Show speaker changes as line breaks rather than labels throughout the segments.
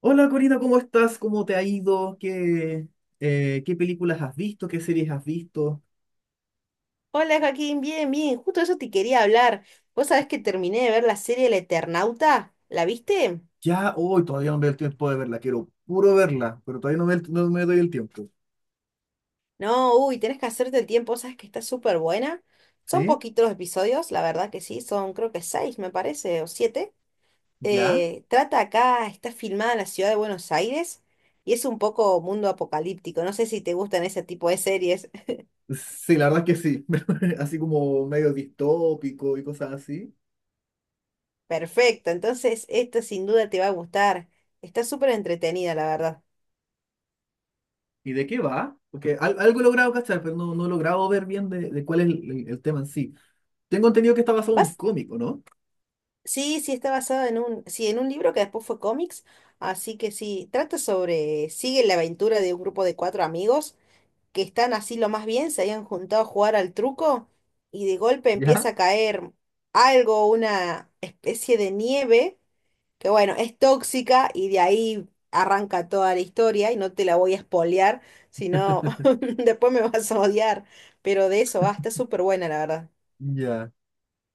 Hola, Corina, ¿cómo estás? ¿Cómo te ha ido? ¿Qué películas has visto? ¿Qué series has visto?
Hola Joaquín, bien, bien, justo eso te quería hablar. Vos sabés que terminé de ver la serie El Eternauta, ¿la viste?
Ya hoy todavía no me doy el tiempo de verla, quiero puro verla, pero todavía no me doy el tiempo.
No, uy, tenés que hacerte el tiempo, sabes que está súper buena. Son
¿Sí?
poquitos los episodios, la verdad que sí, son creo que seis, me parece, o siete.
¿Ya?
Trata acá, está filmada en la ciudad de Buenos Aires y es un poco mundo apocalíptico. No sé si te gustan ese tipo de series.
Sí, la verdad es que sí, así como medio distópico y cosas así.
Perfecto, entonces esta sin duda te va a gustar. Está súper entretenida, la verdad.
¿Y de qué va? Porque algo he logrado cachar, pero no he logrado ver bien de cuál es el tema en sí. Tengo entendido que está basado en un
¿Vas?
cómic, ¿o no?
Sí, sí, está basada en un, sí, en un libro que después fue cómics, así que sí, trata sobre, sigue la aventura de un grupo de cuatro amigos que están así lo más bien, se habían juntado a jugar al truco y de golpe
¿Ya?
empieza a caer algo, una especie de nieve, que bueno, es tóxica y de ahí arranca toda la historia y no te la voy a spoilear, sino después me vas a odiar, pero de eso va, está súper buena la verdad.
Ya,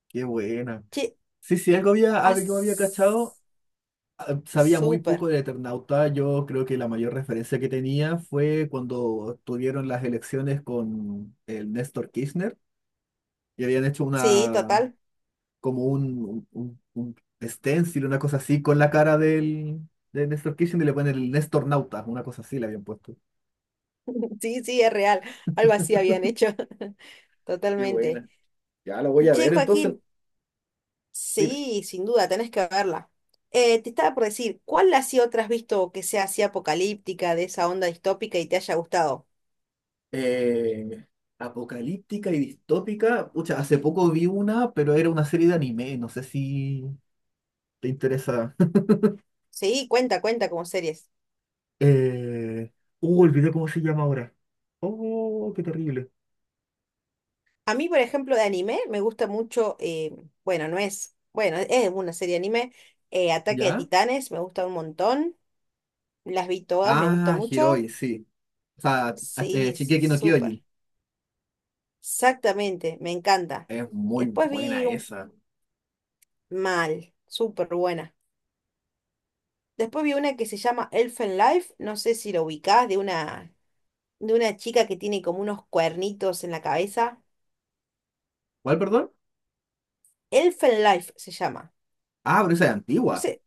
qué buena.
Che,
Sí, sí, algo había cachado,
as-
ah, sabía muy poco
súper.
de Eternauta. Yo creo que la mayor referencia que tenía fue cuando tuvieron las elecciones con el Néstor Kirchner y habían hecho
Sí,
una,
total.
como un stencil, una cosa así, con la cara de Néstor Kirchner, y le ponen el Néstor Nauta, una cosa así le habían puesto.
Sí, sí, es real. Algo así habían hecho.
Qué
Totalmente.
buena. Ya lo voy a
Che,
ver entonces.
Joaquín,
Dime.
sí, sin duda, tenés que verla. Te estaba por decir, ¿cuál así otra has visto que sea así apocalíptica, de esa onda distópica y te haya gustado?
Eh, Apocalíptica y distópica. Pucha, hace poco vi una, pero era una serie de anime. No sé si te interesa.
Sí, cuenta, cuenta como series.
Eh, Olvidé cómo se llama ahora. Oh, qué terrible.
A mí, por ejemplo, de anime me gusta mucho, bueno, no es, bueno, es una serie de anime, Ataque de
¿Ya?
Titanes, me gusta un montón, las vi todas, me gusta
Ah,
mucho.
Hiroi, sí. O sea,
Sí,
Shingeki no
súper.
Kyojin.
Exactamente, me encanta.
Es
Y
muy
después vi
buena
un
esa.
mal, súper buena. Después vi una que se llama Elfen Life, no sé si lo ubicás, de una, chica que tiene como unos cuernitos en la cabeza.
¿Cuál, perdón?
Elfen Life se llama.
Ah, pero esa es
No
antigua.
sé,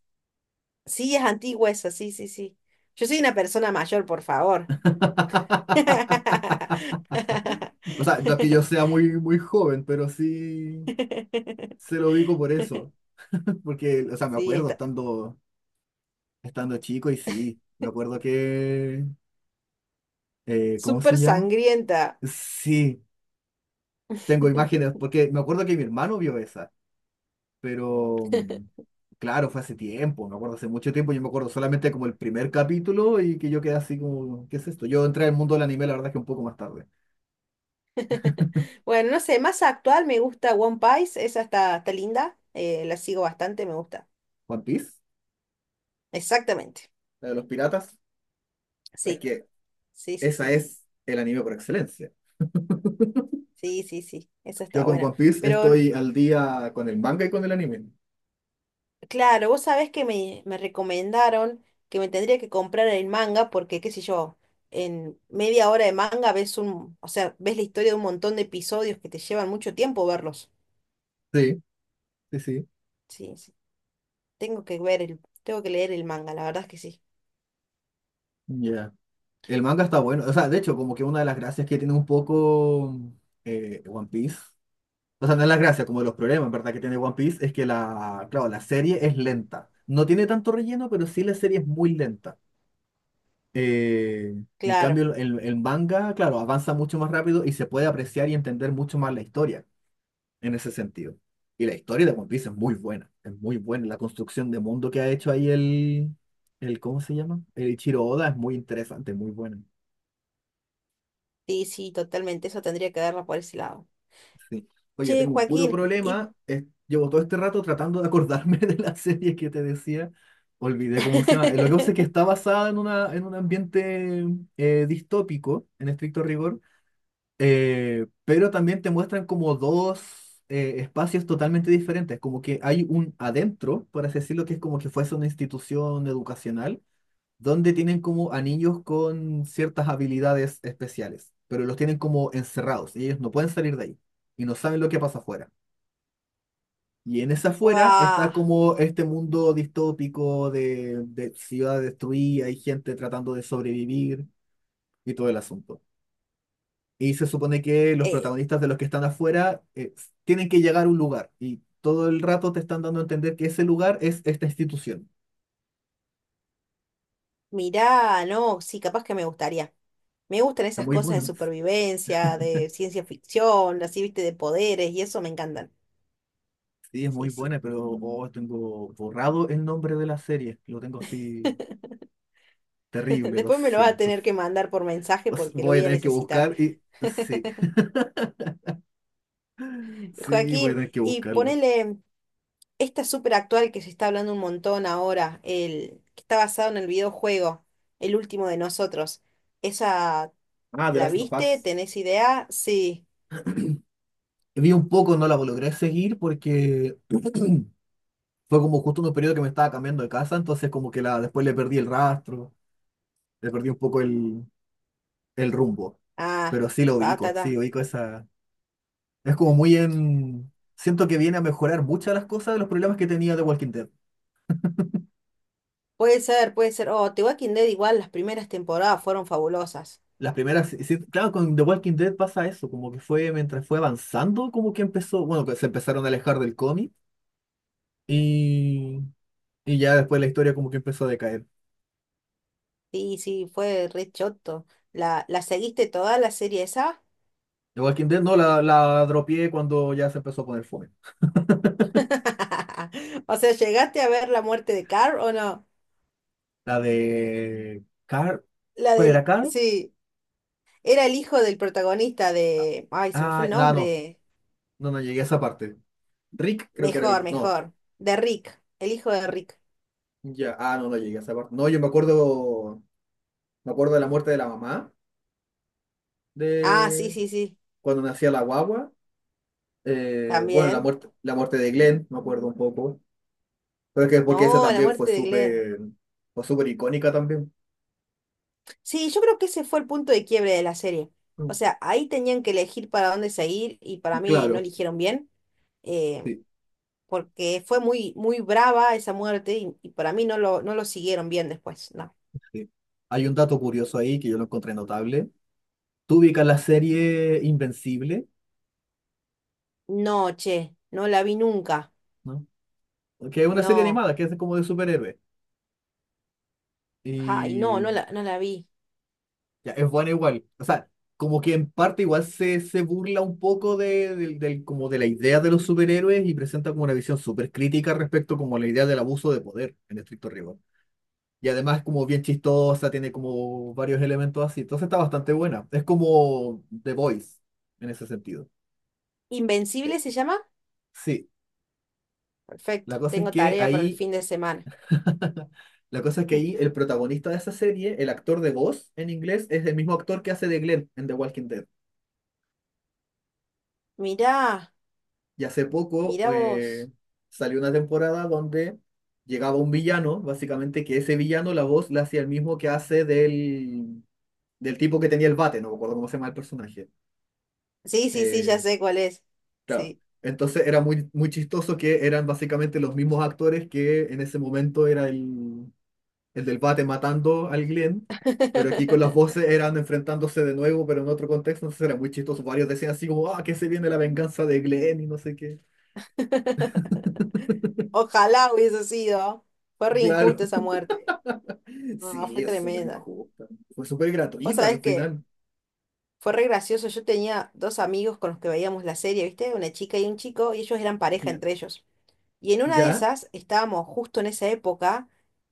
sí, es antigua esa, sí, sí, sí. Yo soy una persona mayor, por favor.
O sea, no es que yo sea muy joven, pero sí se lo ubico por eso. Porque, o sea,
Sí, está
estando chico y sí, me acuerdo que… ¿cómo se
súper
llama?
sangrienta.
Sí, tengo imágenes, porque me acuerdo que mi hermano vio esa. Pero claro, fue hace tiempo, me acuerdo hace mucho tiempo, yo me acuerdo solamente como el primer capítulo y que yo quedé así como, ¿qué es esto? Yo entré al mundo del anime, la verdad es que un poco más tarde.
Bueno, no sé, más actual me gusta One Piece, esa está linda, la sigo bastante, me gusta.
One Piece,
Exactamente,
la de los piratas, es
sí,
que
sí, sí,
esa
sí,
es el anime por excelencia.
sí, sí, sí, esa
Yo
está
con
buena.
One Piece
Pero
estoy al día con el manga y con el anime.
claro, vos sabés que me recomendaron que me tendría que comprar el manga porque, qué sé yo, en media hora de manga ves un, o sea, ves la historia de un montón de episodios que te llevan mucho tiempo verlos.
Sí, sí, sí.
Sí, sí, tengo que ver el, tengo que leer el manga, la verdad es que sí.
Ya. El manga está bueno, o sea, de hecho, como que una de las gracias que tiene un poco One Piece, o sea, no es la gracia, como de los problemas, ¿verdad? Que tiene One Piece es que la, claro, la serie es lenta. No tiene tanto relleno, pero sí la serie es muy lenta. Eh, en
Claro,
cambio, el manga, claro, avanza mucho más rápido y se puede apreciar y entender mucho más la historia en ese sentido. Y la historia de One Piece es muy buena, es muy buena. La construcción de mundo que ha hecho ahí el ¿cómo se llama? El Ichiro Oda es muy interesante, muy buena.
sí, sí, totalmente, eso tendría que verla por ese lado.
Sí. Oye,
Che,
tengo un puro
Joaquín, y…
problema. Llevo todo este rato tratando de acordarme de la serie que te decía. Olvidé cómo se llama. Lo que pasa es que está basada en, una, en un ambiente distópico, en estricto rigor, pero también te muestran como dos espacios totalmente diferentes. Como que hay un adentro, por así decirlo, que es como que fuese una institución educacional donde tienen como anillos con ciertas habilidades especiales, pero los tienen como encerrados y ellos no pueden salir de ahí y no saben lo que pasa afuera. Y en esa afuera está
Guau,
como este mundo distópico de ciudad destruida, hay gente tratando de sobrevivir y todo el asunto. Y se supone que los
eh,
protagonistas de los que están afuera tienen que llegar a un lugar y todo el rato te están dando a entender que ese lugar es esta institución.
mirá, no, sí, capaz que me gustaría. Me gustan
Está
esas
muy
cosas de
bueno.
supervivencia, de ciencia ficción, así, viste, de poderes, y eso me encantan.
Sí, es muy
Sí, sí.
buena, pero oh, tengo borrado el nombre de la serie. Lo tengo así terrible, lo
Después me lo vas a
siento.
tener que mandar por mensaje porque lo
Voy a
voy a
tener que
necesitar.
buscar y… Sí, sí, voy a
Joaquín,
tener que
y
buscarlo.
ponele esta súper actual que se está hablando un montón ahora, el que está basado en el videojuego, El último de nosotros. ¿Esa
Ah, The
la
Last of
viste?
Us.
¿Tenés idea? Sí.
Vi un poco, no la logré seguir porque fue como justo en un periodo que me estaba cambiando de casa, entonces como que la, después le perdí el rastro, le perdí un poco el rumbo.
Ah,
Pero sí lo
ta, ta,
ubico, sí,
ta.
ubico esa… Es como muy en… Siento que viene a mejorar muchas de las cosas de los problemas que tenía de Walking Dead.
Puede ser, puede ser. Oh, The Walking Dead igual las primeras temporadas fueron fabulosas.
Las primeras, sí, sí, claro, con The Walking Dead pasa eso, como que fue mientras fue avanzando, como que empezó, bueno, que se empezaron a alejar del cómic y, y ya después la historia como que empezó a decaer.
Sí, sí, fue re choto. ¿La seguiste toda la serie esa?
The Walking Dead no, la dropié cuando ya se empezó a poner fome.
O sea, ¿llegaste a ver la muerte de Carl o no?
La de Carl,
La
¿cuál era
del…
Carl?
Sí, era el hijo del protagonista de… Ay, se me fue
Ah,
el
no, no,
nombre.
no, no llegué a esa parte. Rick creo que era
Mejor,
el, no,
mejor. De Rick, el hijo de Rick.
ya, ah, no, no llegué a esa parte. No, yo me acuerdo de la muerte de la mamá,
Ah, sí,
de
sí, sí.
cuando nacía la guagua. Bueno,
También.
la muerte de Glenn, me acuerdo un poco. Pero es que porque esa
No, la
también
muerte de Glenn.
fue súper icónica también.
Sí, yo creo que ese fue el punto de quiebre de la serie. O
Mm.
sea, ahí tenían que elegir para dónde seguir y para mí no
Claro,
eligieron bien, eh,
sí,
porque fue muy, muy brava esa muerte y para mí no lo siguieron bien después. No.
sí. Hay un dato curioso ahí que yo lo encontré notable. Tú ubicas la serie Invencible,
No, che, no la vi nunca.
¿no? Que es una serie
No.
animada, que es como de superhéroes.
Ay, no, no
Y
la, no la vi.
ya, es buena igual. O sea, como que en parte igual se, se burla un poco como de la idea de los superhéroes y presenta como una visión súper crítica respecto como a la idea del abuso de poder en estricto rigor. Y además es como bien chistosa, tiene como varios elementos así. Entonces está bastante buena. Es como The Voice en ese sentido. Eh,
¿Invencible se llama?
sí, la
Perfecto,
cosa es
tengo
que
tarea para el
ahí,
fin de semana.
la cosa es que ahí el protagonista de esa serie, el actor de voz en inglés, es el mismo actor que hace de Glenn en The Walking Dead.
Mirá,
Y hace poco
mirá vos.
salió una temporada donde llegaba un villano, básicamente, que ese villano la voz la hacía el mismo que hace del tipo que tenía el bate, no me acuerdo cómo se llama el personaje.
Sí, sí, sí, ya
Eh,
sé cuál es.
Claro.
Sí.
Entonces era muy chistoso, que eran básicamente los mismos actores, que en ese momento era el del bate matando al Glenn, pero aquí con las voces eran enfrentándose de nuevo, pero en otro contexto, entonces era muy chistoso. Varios decían así como, ah, que se viene la venganza de Glenn y no sé qué.
Ojalá hubiese sido. Fue re
Claro,
injusta esa muerte. No,
sí,
fue
es súper
tremenda.
injusta. Fue súper
Vos
gratuita al
sabés que
final.
fue re gracioso. Yo tenía dos amigos con los que veíamos la serie, ¿viste? Una chica y un chico, y ellos eran pareja
Ya.
entre ellos. Y en una de
¿Ya?
esas estábamos justo en esa época,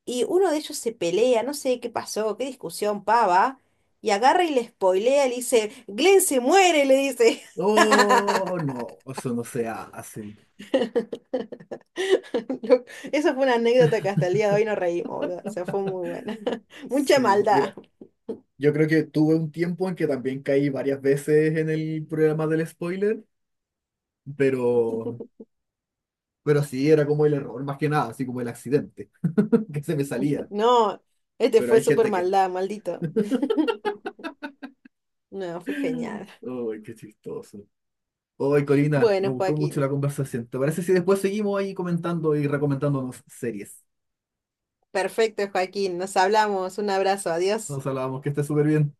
y uno de ellos se pelea, no sé qué pasó, qué discusión pava, y agarra y le spoilea, le dice, Glenn se muere, le dice.
Oh, no, eso no se hace.
Lo- Esa fue una anécdota que hasta el día de hoy nos reímos, boludo. O sea, fue muy buena. Mucha
Sí,
maldad.
yo creo que tuve un tiempo en que también caí varias veces en el programa del spoiler, pero, pero sí, era como el error más que nada, así como el accidente, que se me salía.
No, este
Pero
fue
hay
súper
gente que…
maldad, maldito. No, fue genial.
¡Ay, qué chistoso! ¡Ay, Corina! Me
Bueno,
gustó mucho
Joaquín.
la conversación. ¿Te parece si después seguimos ahí comentando y recomendándonos series?
Perfecto, Joaquín. Nos hablamos. Un abrazo. Adiós.
Nos hablábamos que esté súper bien.